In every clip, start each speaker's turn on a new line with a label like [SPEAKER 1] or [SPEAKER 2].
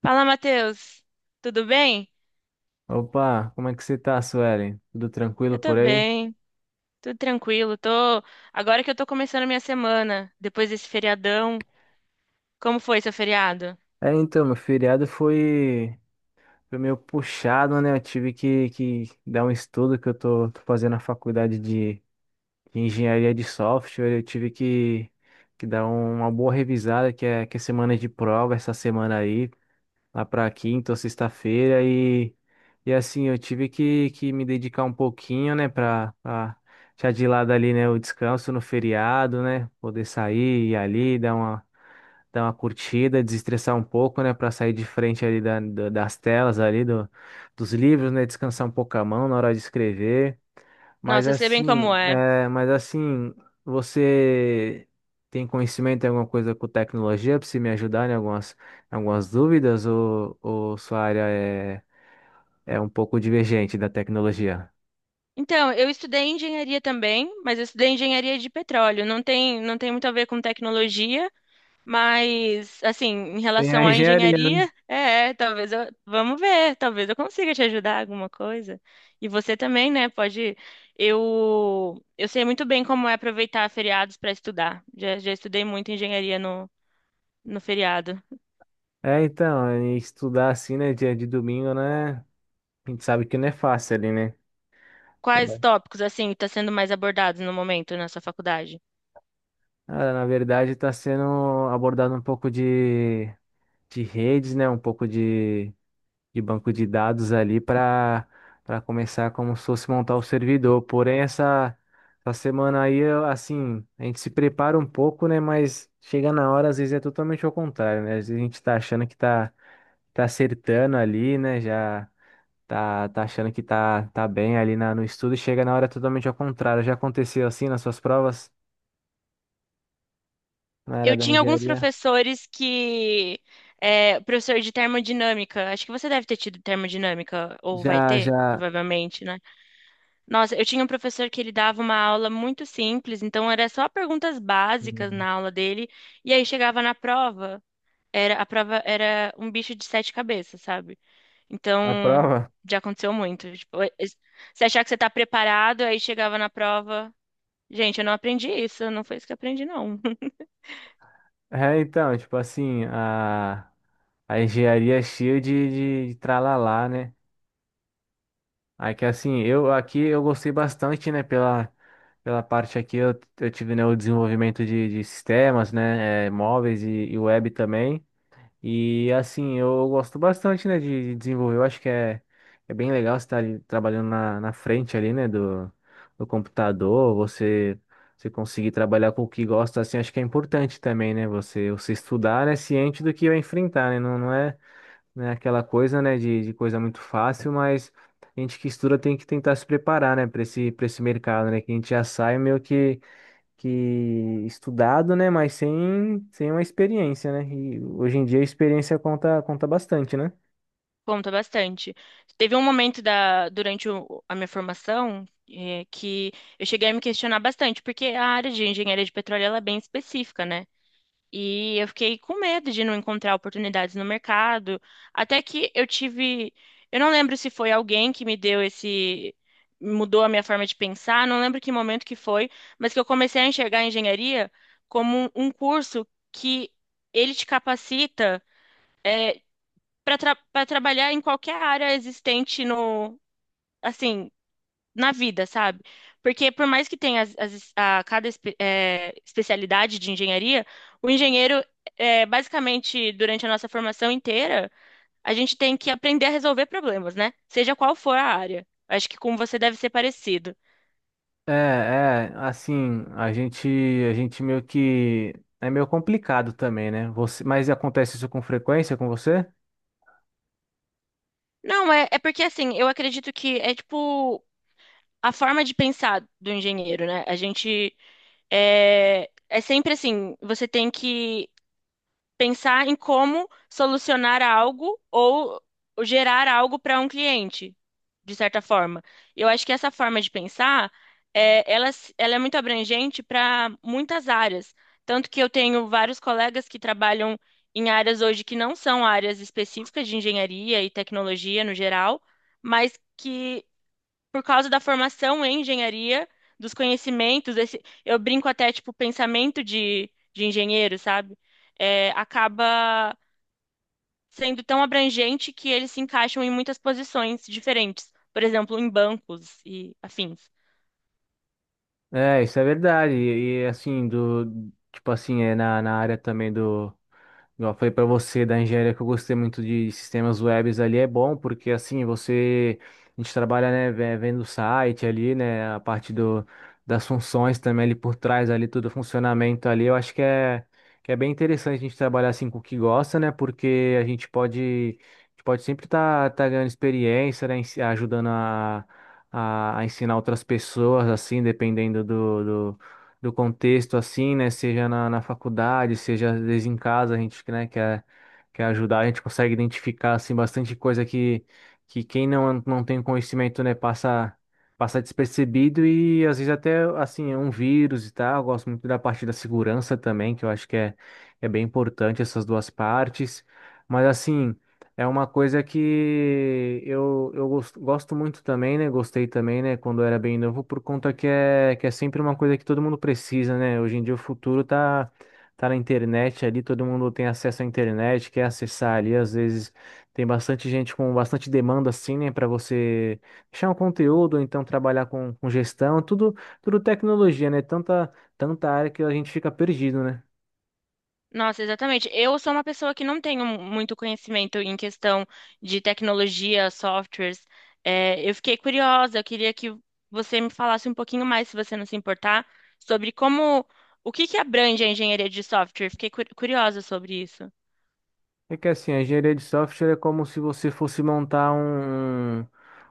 [SPEAKER 1] Fala, Matheus. Tudo bem?
[SPEAKER 2] Opa, como é que você tá, Suelen? Tudo tranquilo
[SPEAKER 1] Eu tô
[SPEAKER 2] por aí?
[SPEAKER 1] bem, tudo tranquilo. Tô agora que eu tô começando a minha semana, depois desse feriadão. Como foi seu feriado?
[SPEAKER 2] Meu feriado foi, foi meio puxado, né? Eu tive que dar um estudo que eu tô fazendo na faculdade de engenharia de software. Eu tive que dar uma boa revisada, que é semana de prova essa semana aí, lá pra quinta ou sexta-feira. E assim, eu tive que me dedicar um pouquinho, né, pra deixar de lado ali, né, o descanso no feriado, né? Poder sair e ali, dar uma curtida, desestressar um pouco, né, para sair de frente ali das telas ali dos livros, né, descansar um pouco a mão na hora de escrever. Mas
[SPEAKER 1] Nossa, eu sei bem
[SPEAKER 2] assim,
[SPEAKER 1] como é.
[SPEAKER 2] é, mas assim, você tem conhecimento em alguma coisa com tecnologia para se me ajudar em algumas dúvidas ou sua área é um pouco divergente da tecnologia?
[SPEAKER 1] Então, eu estudei engenharia também, mas eu estudei engenharia de petróleo. Não tem muito a ver com tecnologia. Mas, assim, em
[SPEAKER 2] Tem a
[SPEAKER 1] relação à
[SPEAKER 2] engenharia, né?
[SPEAKER 1] engenharia, talvez eu, vamos ver, talvez eu consiga te ajudar em alguma coisa. E você também, né, pode, eu sei muito bem como é aproveitar feriados para estudar. Já estudei muito engenharia no feriado.
[SPEAKER 2] É, então, e estudar assim, né, dia de domingo, né? A gente sabe que não é fácil ali, né?
[SPEAKER 1] Quais tópicos, assim, estão sendo mais abordados no momento na sua faculdade?
[SPEAKER 2] Cara, na verdade, está sendo abordado um pouco de redes, né? Um pouco de banco de dados ali para para começar como se fosse montar o servidor. Porém, essa semana aí, eu, assim, a gente se prepara um pouco, né? Mas chega na hora, às vezes é totalmente ao contrário, né? Às vezes a gente está achando que está tá acertando ali, né? Já tá achando que tá bem ali no estudo, e chega na hora é totalmente ao contrário. Já aconteceu assim nas suas provas na área
[SPEAKER 1] Eu
[SPEAKER 2] da
[SPEAKER 1] tinha alguns
[SPEAKER 2] engenharia?
[SPEAKER 1] professores que, é, professor de termodinâmica, acho que você deve ter tido termodinâmica, ou vai
[SPEAKER 2] Já,
[SPEAKER 1] ter,
[SPEAKER 2] já.
[SPEAKER 1] provavelmente, né? Nossa, eu tinha um professor que ele dava uma aula muito simples, então era só perguntas básicas
[SPEAKER 2] Uhum.
[SPEAKER 1] na aula dele, e aí chegava na prova, era a prova era um bicho de sete cabeças, sabe?
[SPEAKER 2] A
[SPEAKER 1] Então,
[SPEAKER 2] prova?
[SPEAKER 1] já aconteceu muito. Tipo, você achar que você tá preparado, aí chegava na prova, gente, eu não aprendi isso, não foi isso que eu aprendi, não.
[SPEAKER 2] É, então, tipo assim, a engenharia é cheia de tralalá, né? Aí que assim, eu gostei bastante, né, pela parte aqui, eu tive, né, o desenvolvimento de sistemas, né, é, móveis e web também. E assim, eu gosto bastante, né, de desenvolver. Eu acho que é, é bem legal você estar ali trabalhando na frente ali, né, do computador, você conseguir trabalhar com o que gosta, assim, acho que é importante também, né, você estudar, né, ciente do que vai enfrentar, né, não é, né, aquela coisa, né, de coisa muito fácil, mas a gente que estuda tem que tentar se preparar, né, para esse mercado, né, que a gente já sai meio que estudado, né? Mas sem, sem uma experiência, né? E hoje em dia a experiência conta, conta bastante, né?
[SPEAKER 1] Conta bastante. Teve um momento durante a minha formação, que eu cheguei a me questionar bastante, porque a área de engenharia de petróleo ela é bem específica, né? E eu fiquei com medo de não encontrar oportunidades no mercado. Até que eu tive. Eu não lembro se foi alguém que me deu esse. Mudou a minha forma de pensar, não lembro que momento que foi, mas que eu comecei a enxergar a engenharia como um curso que ele te capacita para trabalhar em qualquer área existente no. Assim, na vida, sabe? Porque por mais que tenha a cada especialidade de engenharia, o engenheiro, basicamente, durante a nossa formação inteira, a gente tem que aprender a resolver problemas, né? Seja qual for a área. Acho que com você deve ser parecido.
[SPEAKER 2] É, é, assim, a gente meio que é meio complicado também, né? Você, mas acontece isso com frequência com você?
[SPEAKER 1] Não, é porque assim, eu acredito que é tipo a forma de pensar do engenheiro, né? A gente é sempre assim, você tem que pensar em como solucionar algo ou gerar algo para um cliente, de certa forma. Eu acho que essa forma de pensar, ela, ela é muito abrangente para muitas áreas. Tanto que eu tenho vários colegas que trabalham em áreas hoje que não são áreas específicas de engenharia e tecnologia no geral, mas que por causa da formação em engenharia, dos conhecimentos, esse, eu brinco até, tipo, pensamento de engenheiro, sabe? É, acaba sendo tão abrangente que eles se encaixam em muitas posições diferentes, por exemplo, em bancos e afins.
[SPEAKER 2] É, isso é verdade. Assim, do, tipo assim, é na, na área também do. Igual eu falei pra você da engenharia que eu gostei muito de sistemas webs ali, é bom, porque assim, você. A gente trabalha, né, vendo o site ali, né, a parte das funções também ali por trás, ali, todo o funcionamento ali. Eu acho que é bem interessante a gente trabalhar assim com o que gosta, né, porque a gente pode. A gente Pode sempre estar tá ganhando experiência, né, ajudando a ensinar outras pessoas, assim, dependendo do, do contexto, assim, né? Seja na faculdade, seja às vezes em casa, a gente, né, quer ajudar, a gente consegue identificar, assim, bastante coisa que quem não tem conhecimento, né, passa despercebido e às vezes até, assim, é um vírus e tal. Eu gosto muito da parte da segurança também, que eu acho que é, é bem importante essas duas partes. Mas assim, é uma coisa que eu gosto, gosto muito também, né? Gostei também, né? Quando eu era bem novo, por conta que é sempre uma coisa que todo mundo precisa, né? Hoje em dia o futuro tá na internet ali, todo mundo tem acesso à internet, quer acessar ali. Às vezes tem bastante gente com bastante demanda, assim, né? Para você deixar um conteúdo, ou então trabalhar com gestão, tudo tecnologia, né? Tanta área que a gente fica perdido, né?
[SPEAKER 1] Nossa, exatamente. Eu sou uma pessoa que não tenho muito conhecimento em questão de tecnologia, softwares. É, eu fiquei curiosa, eu queria que você me falasse um pouquinho mais, se você não se importar, sobre como, o que que abrange a engenharia de software. Fiquei curiosa sobre isso.
[SPEAKER 2] É que assim, a engenharia de software é como se você fosse montar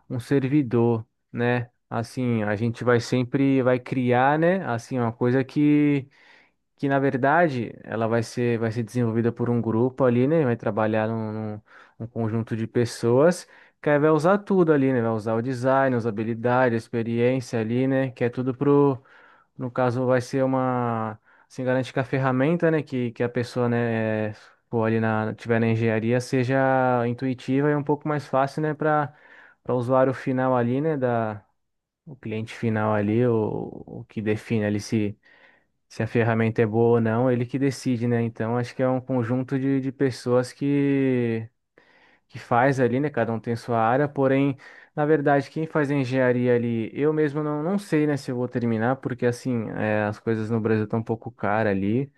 [SPEAKER 2] um servidor, né? Assim, a gente vai criar, né? Assim, uma coisa que na verdade ela vai ser desenvolvida por um grupo ali, né? Vai trabalhar num conjunto de pessoas que aí vai usar tudo ali, né? Vai usar o design, usabilidade, a experiência ali, né? Que é tudo no caso, vai ser uma. Assim, garante que a ferramenta, né, que a pessoa, né, for ali na, tiver na engenharia, seja intuitiva e um pouco mais fácil, né, para para o usuário final ali, né, da, o cliente final ali, o que define ali se, se a ferramenta é boa ou não, ele que decide, né. Então, acho que é um conjunto de pessoas que faz ali, né? Cada um tem sua área, porém, na verdade, quem faz a engenharia ali, eu mesmo não sei, né, se eu vou terminar, porque assim, é, as coisas no Brasil estão um pouco caras ali,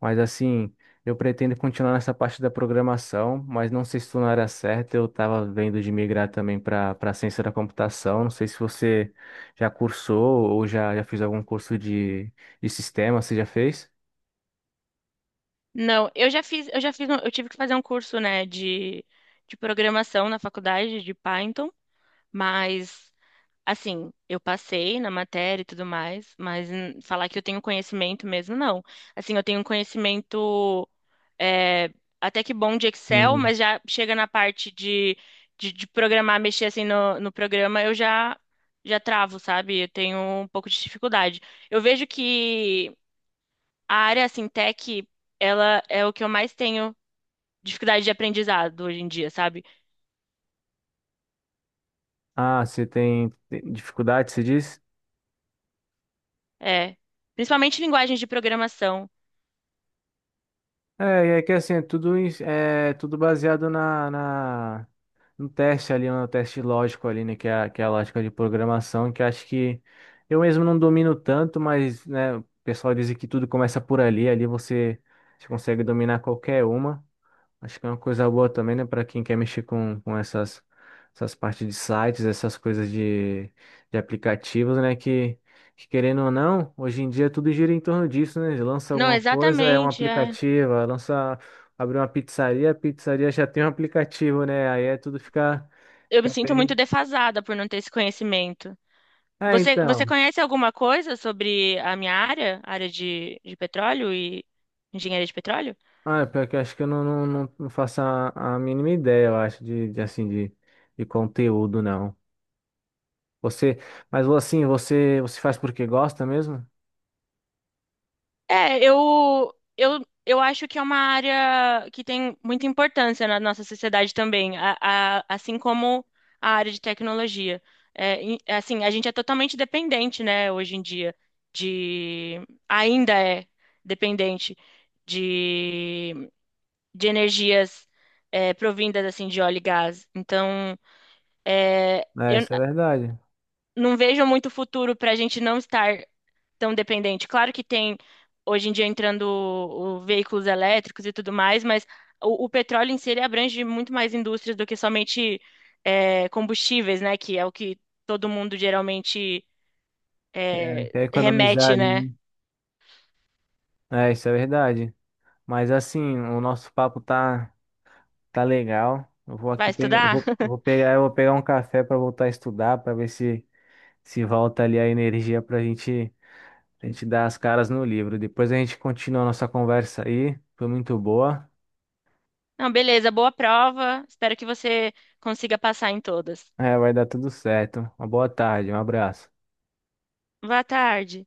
[SPEAKER 2] mas assim, eu pretendo continuar nessa parte da programação, mas não sei se estou na área certa, eu estava vendo de migrar também para para ciência da computação, não sei se você já cursou ou já fez algum curso de sistema, você já fez?
[SPEAKER 1] Não, eu já fiz, eu tive que fazer um curso, né, de programação na faculdade de Python, mas assim, eu passei na matéria e tudo mais, mas falar que eu tenho conhecimento mesmo, não. Assim, eu tenho um conhecimento é, até que bom de Excel,
[SPEAKER 2] Hum.
[SPEAKER 1] mas já chega na parte de programar, mexer assim no programa, já travo, sabe? Eu tenho um pouco de dificuldade. Eu vejo que a área, assim, tech, ela é o que eu mais tenho dificuldade de aprendizado hoje em dia, sabe?
[SPEAKER 2] Ah, você tem tem dificuldade, você diz?
[SPEAKER 1] É, principalmente linguagens de programação.
[SPEAKER 2] É, e é que assim, é tudo, é tudo baseado no teste ali, no teste lógico ali, né? Que é, que é a lógica de programação, que eu acho que eu mesmo não domino tanto, mas, né, o pessoal diz que tudo começa por ali, ali você, você consegue dominar qualquer uma. Acho que é uma coisa boa também, né, para quem quer mexer com essas, essas partes de sites, essas coisas de aplicativos, né, que querendo ou não, hoje em dia tudo gira em torno disso, né? Lança
[SPEAKER 1] Não,
[SPEAKER 2] alguma coisa, é um
[SPEAKER 1] exatamente, é.
[SPEAKER 2] aplicativo, lança, abre uma pizzaria, a pizzaria já tem um aplicativo, né? Aí é tudo fica,
[SPEAKER 1] Eu me
[SPEAKER 2] fica
[SPEAKER 1] sinto muito
[SPEAKER 2] bem.
[SPEAKER 1] defasada por não ter esse conhecimento.
[SPEAKER 2] É,
[SPEAKER 1] Você
[SPEAKER 2] então.
[SPEAKER 1] conhece alguma coisa sobre a minha área, área de petróleo e engenharia de petróleo?
[SPEAKER 2] Ah, é pior que eu acho que eu não faço a mínima ideia, eu acho, de conteúdo, não. Você, mas assim, você faz porque gosta mesmo?
[SPEAKER 1] É, eu acho que é uma área que tem muita importância na nossa sociedade também, assim como a área de tecnologia. É, assim, a gente é totalmente dependente, né, hoje em dia, de, ainda é dependente de de energias provindas assim de óleo e gás. Então, é,
[SPEAKER 2] É,
[SPEAKER 1] eu n-
[SPEAKER 2] isso é verdade.
[SPEAKER 1] não vejo muito futuro para a gente não estar tão dependente. Claro que tem hoje em dia entrando o veículos elétricos e tudo mais, mas o petróleo em si ele abrange muito mais indústrias do que somente combustíveis, né? Que é o que todo mundo geralmente
[SPEAKER 2] Quer economizar
[SPEAKER 1] remete, né?
[SPEAKER 2] ali, né? É, isso é verdade. Mas assim, o nosso papo tá tá legal. Eu vou aqui
[SPEAKER 1] Vai
[SPEAKER 2] pegar,
[SPEAKER 1] estudar?
[SPEAKER 2] eu vou pegar um café para voltar a estudar, para ver se se volta ali a energia pra gente a gente dar as caras no livro. Depois a gente continua a nossa conversa aí. Foi muito boa.
[SPEAKER 1] Não, beleza, boa prova. Espero que você consiga passar em todas.
[SPEAKER 2] É, vai dar tudo certo. Uma boa tarde, um abraço.
[SPEAKER 1] Boa tarde.